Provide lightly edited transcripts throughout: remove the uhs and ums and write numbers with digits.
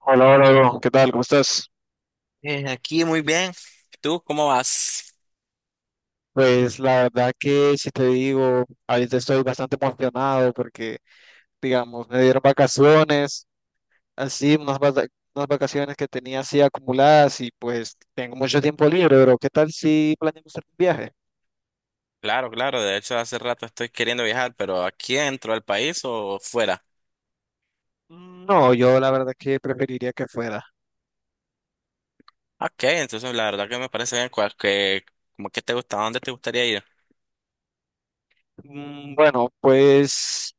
Hola, hola, bro. ¿Qué tal? ¿Cómo estás? Aquí muy bien. ¿Tú cómo vas? Pues la verdad que si te digo, ahorita estoy bastante emocionado porque, digamos, me dieron vacaciones, así, unas, unas vacaciones que tenía así acumuladas y pues tengo mucho tiempo libre, bro. ¿Qué tal si planeamos hacer un viaje? Claro, claro, de hecho hace rato estoy queriendo viajar, pero aquí dentro del país o fuera. No, yo la verdad que preferiría que fuera. Ok, entonces la verdad que me parece bien como que te gusta, ¿a dónde te gustaría ir? Bueno, pues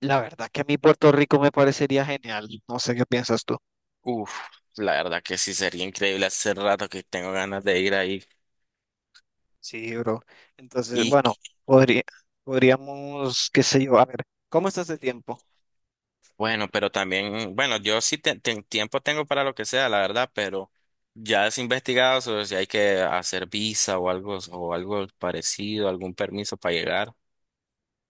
la verdad que a mí Puerto Rico me parecería genial. No sé qué piensas tú. Uf, la verdad que sí sería increíble, hace rato que tengo ganas de ir ahí. Sí, bro. Entonces, Y bueno, podría, podríamos, qué sé yo, a ver, ¿cómo estás de tiempo? bueno, pero también, bueno, yo sí tiempo tengo para lo que sea, la verdad, pero ya has investigado sobre si hay que hacer visa o algo parecido, algún permiso para llegar.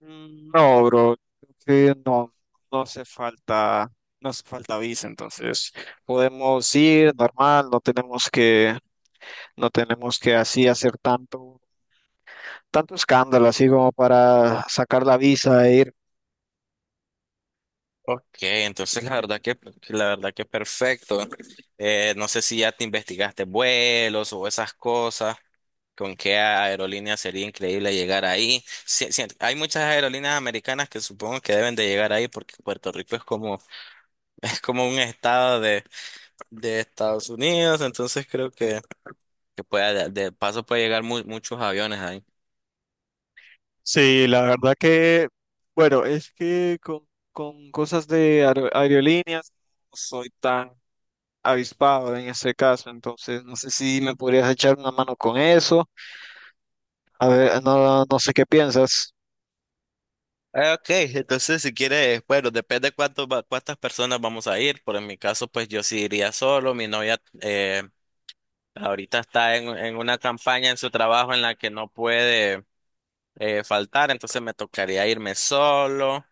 No, bro, creo que no, no hace falta, no hace falta visa, entonces podemos ir normal, no tenemos que así hacer tanto, tanto escándalo, así como para sacar la visa e ir. Que entonces la verdad que perfecto. No sé si ya te investigaste vuelos o esas cosas. ¿Con qué aerolínea sería increíble llegar ahí? Sí, sí, hay muchas aerolíneas americanas que supongo que deben de llegar ahí porque Puerto Rico es como es como un estado de Estados Unidos, entonces creo que puede, de paso puede llegar muchos aviones ahí. Sí, la verdad que, bueno, con cosas de aerolíneas no soy tan avispado en ese caso. Entonces, no sé si me podrías echar una mano con eso. A ver, no, no sé qué piensas. Ah, ok, entonces si quieres, bueno, depende cuánto, cuántas personas vamos a ir. Por en mi caso, pues yo sí iría solo. Mi novia ahorita está en una campaña en su trabajo en la que no puede faltar, entonces me tocaría irme solo.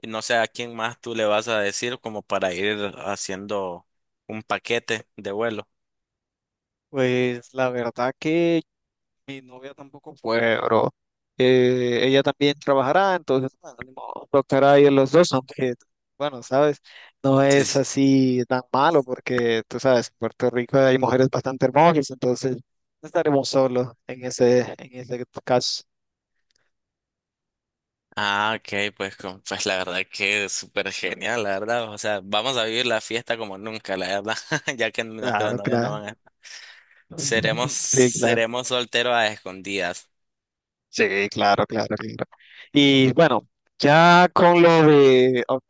Y no sé a quién más tú le vas a decir como para ir haciendo un paquete de vuelo. Pues la verdad que mi novia tampoco fue, bro. Ella también trabajará, entonces, bueno, ni modo, tocará ir los dos, aunque, bueno, sabes, no Sí, es sí. así tan malo porque, tú sabes, en Puerto Rico hay mujeres bastante hermosas, entonces no estaremos solos en ese caso. Ah, ok, pues, pues la verdad que es súper genial, la verdad. O sea, vamos a vivir la fiesta como nunca, la verdad, ya que nuestras Claro, novias no claro. van a Sí, claro. seremos solteros a escondidas. Sí, claro, claro, claro. Y bueno, ya con lo de, ok,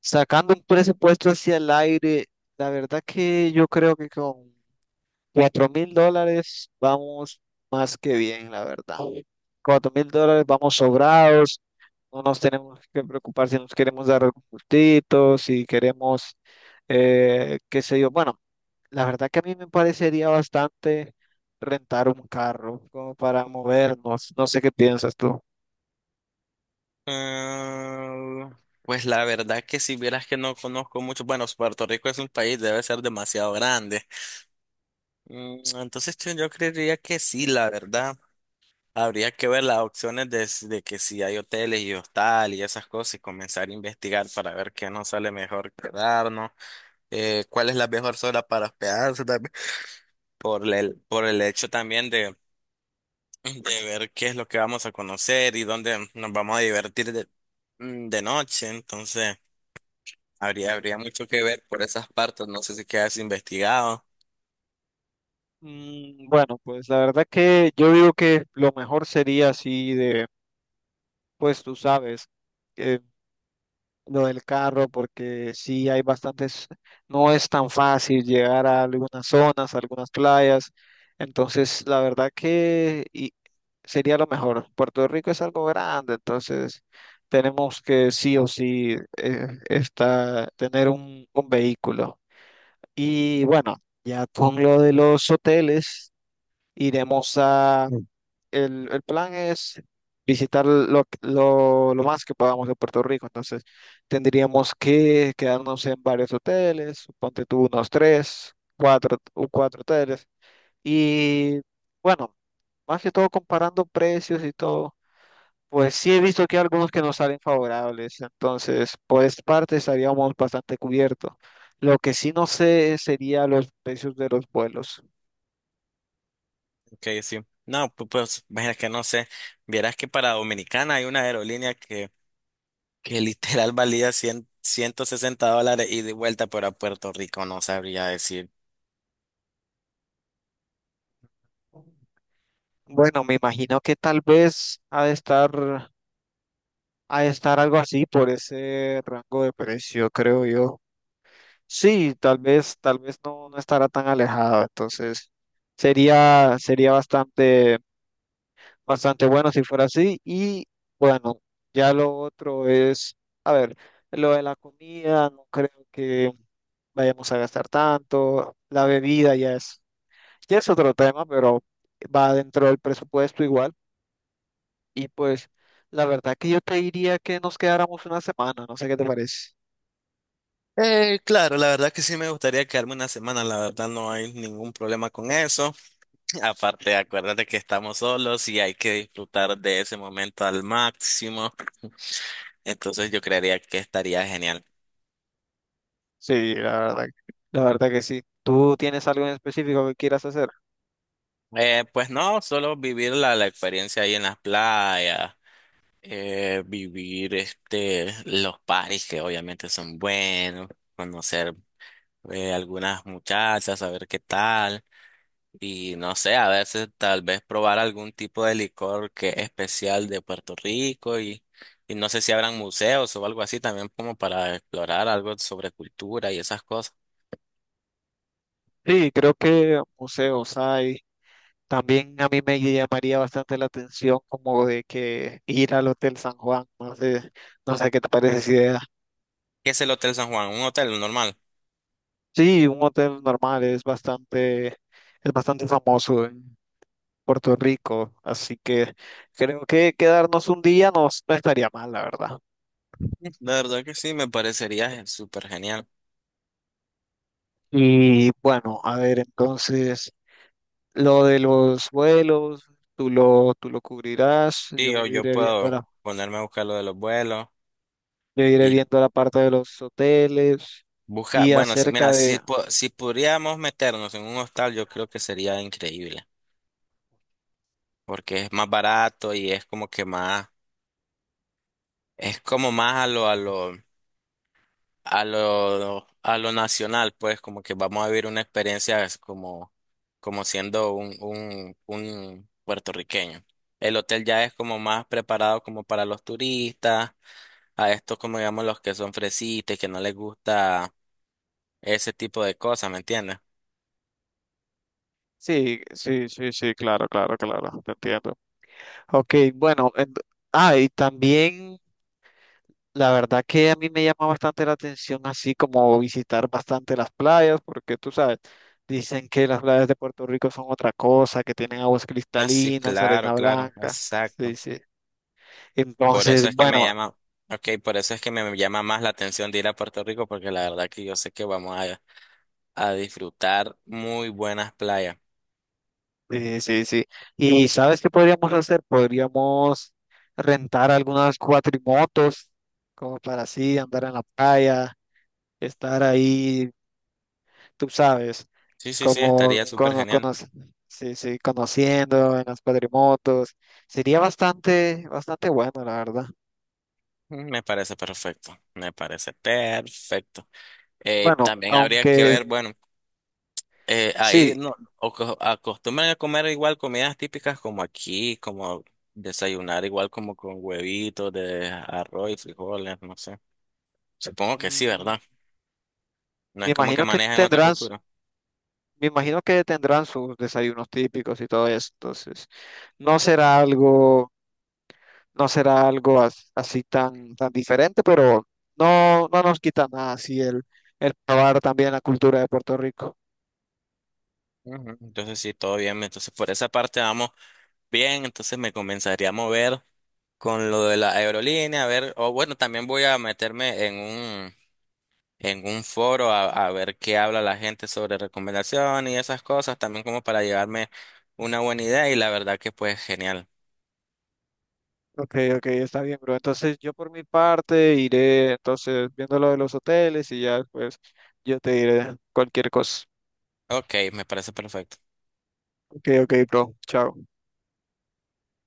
sacando un presupuesto hacia el aire, la verdad que yo creo que con $4.000 vamos más que bien, la verdad. $4.000 vamos sobrados, no nos tenemos que preocupar si nos queremos dar algún gustito, si queremos, qué sé yo, bueno. La verdad que a mí me parecería bastante rentar un carro como para movernos. No sé qué piensas tú. Ah, pues la verdad que si vieras que no conozco mucho, bueno, Puerto Rico es un país, debe ser demasiado grande. Mm, entonces yo creería que sí, la verdad. Habría que ver las opciones de que si hay hoteles y hostal y esas cosas y comenzar a investigar para ver qué nos sale mejor quedarnos, cuál es la mejor zona para hospedarse también, por el hecho también de ver qué es lo que vamos a conocer y dónde nos vamos a divertir de, mm, de noche. Entonces, habría mucho que ver por esas partes. No sé si quedas investigado. Bueno, pues la verdad que yo digo que lo mejor sería así de, pues tú sabes. Lo del carro, porque sí hay bastantes, no es tan fácil llegar a algunas zonas, a algunas playas. Entonces, la verdad que sería lo mejor. Puerto Rico es algo grande, entonces tenemos que sí o sí tener un vehículo. Y bueno, ya con lo de los hoteles. Iremos a... el plan es visitar lo más que podamos de Puerto Rico. Entonces, tendríamos que quedarnos en varios hoteles, ponte tú unos tres, cuatro, cuatro hoteles. Y bueno, más que todo comparando precios y todo, pues sí he visto que hay algunos que nos salen favorables. Entonces, por esta parte estaríamos bastante cubiertos. Lo que sí no sé sería los precios de los vuelos. Ok, sí. No, pues, imagina que no sé. Vieras que para Dominicana hay una aerolínea que literal valía $160 y de vuelta, pero a Puerto Rico no sabría decir. Bueno, me imagino que tal vez ha de estar algo así por ese rango de precio, creo yo. Sí, tal vez no, no estará tan alejado, entonces sería bastante, bastante bueno si fuera así. Y bueno, ya lo otro es, a ver, lo de la comida, no creo que vayamos a gastar tanto, la bebida ya es otro tema, pero va dentro del presupuesto igual. Y pues la verdad que yo te diría que nos quedáramos una semana, no sé qué te parece. Claro, la verdad que sí me gustaría quedarme una semana, la verdad no hay ningún problema con eso. Aparte, acuérdate que estamos solos y hay que disfrutar de ese momento al máximo. Entonces yo creería que estaría genial. Sí, la verdad que sí. ¿Tú tienes algo en específico que quieras hacer? Pues no, solo vivir la experiencia ahí en las playas, vivir este, los paris que obviamente son buenos, conocer algunas muchachas, saber qué tal. Y no sé, a veces tal vez probar algún tipo de licor que es especial de Puerto Rico y no sé si habrán museos o algo así también como para explorar algo sobre cultura y esas cosas. Sí, creo que museos hay. También a mí me llamaría bastante la atención como de que ir al Hotel San Juan, no sé, no sé qué te parece esa idea. ¿Qué es el Hotel San Juan? ¿Un hotel normal? Sí, un hotel normal es bastante famoso en Puerto Rico, así que creo que quedarnos un día no estaría mal, la verdad. La verdad que sí, me parecería súper genial. Y bueno, a ver, entonces, lo de los vuelos, tú lo cubrirás, Sí, yo yo iré viendo puedo la, ponerme a buscar lo de los vuelos yo iré y viendo la parte de los hoteles buscar, y bueno, acerca mira, si, de... si podríamos meternos en un hostal, yo creo que sería increíble, porque es más barato y es como que más, es como más a lo a lo nacional, pues como que vamos a vivir una experiencia es como, como siendo un puertorriqueño. El hotel ya es como más preparado como para los turistas, a estos como digamos los que son fresitas, y que no les gusta ese tipo de cosas, ¿me entiendes? Sí, sí, sí, sí, claro, claro, claro, te entiendo. Ok, bueno, ah, y también la verdad que a mí me llama bastante la atención así como visitar bastante las playas, porque tú sabes, dicen que las playas de Puerto Rico son otra cosa, que tienen aguas Ah, sí, cristalinas, claro, arena claro, blanca. Sí, exacto. sí. Por Entonces, eso es que me bueno, llama, ok, por eso es que me llama más la atención de ir a Puerto Rico, porque la verdad que yo sé que vamos a disfrutar muy buenas playas. Sí, sí. ¿Y sabes qué podríamos hacer? Podríamos rentar algunas cuatrimotos como para así andar en la playa, estar ahí, tú sabes. Sí, sí, sí, como estaría súper cono- genial. conoc- sí, sí, conociendo en las cuadrimotos. Sería bastante, bastante bueno, la verdad. Mm, me parece perfecto, me parece perfecto. Bueno, También habría que aunque ver, bueno, ahí sí, no o acostumbran a comer igual comidas típicas como aquí, como desayunar igual como con huevitos de arroz y frijoles, no sé. Supongo que sí, mm, ¿verdad? No me es como que imagino que manejan otra tendrán, cultura. me imagino que tendrán sus desayunos típicos y todo eso. Entonces, no será algo, no será algo así tan, tan diferente, pero no, no nos quita nada así el probar también la cultura de Puerto Rico. Ujú. Entonces sí, todo bien. Entonces por esa parte vamos bien. Entonces me comenzaría a mover con lo de la aerolínea, a ver, o bueno, también voy a meterme en un foro a ver qué habla la gente sobre recomendación y esas cosas, también como para llevarme una buena idea y la verdad que pues genial. Ok, ok, está bien, bro. Entonces yo por mi parte iré entonces viendo lo de los hoteles y ya pues yo te diré cualquier cosa. Ok, me parece perfecto. Ok, ok, bro. Chao.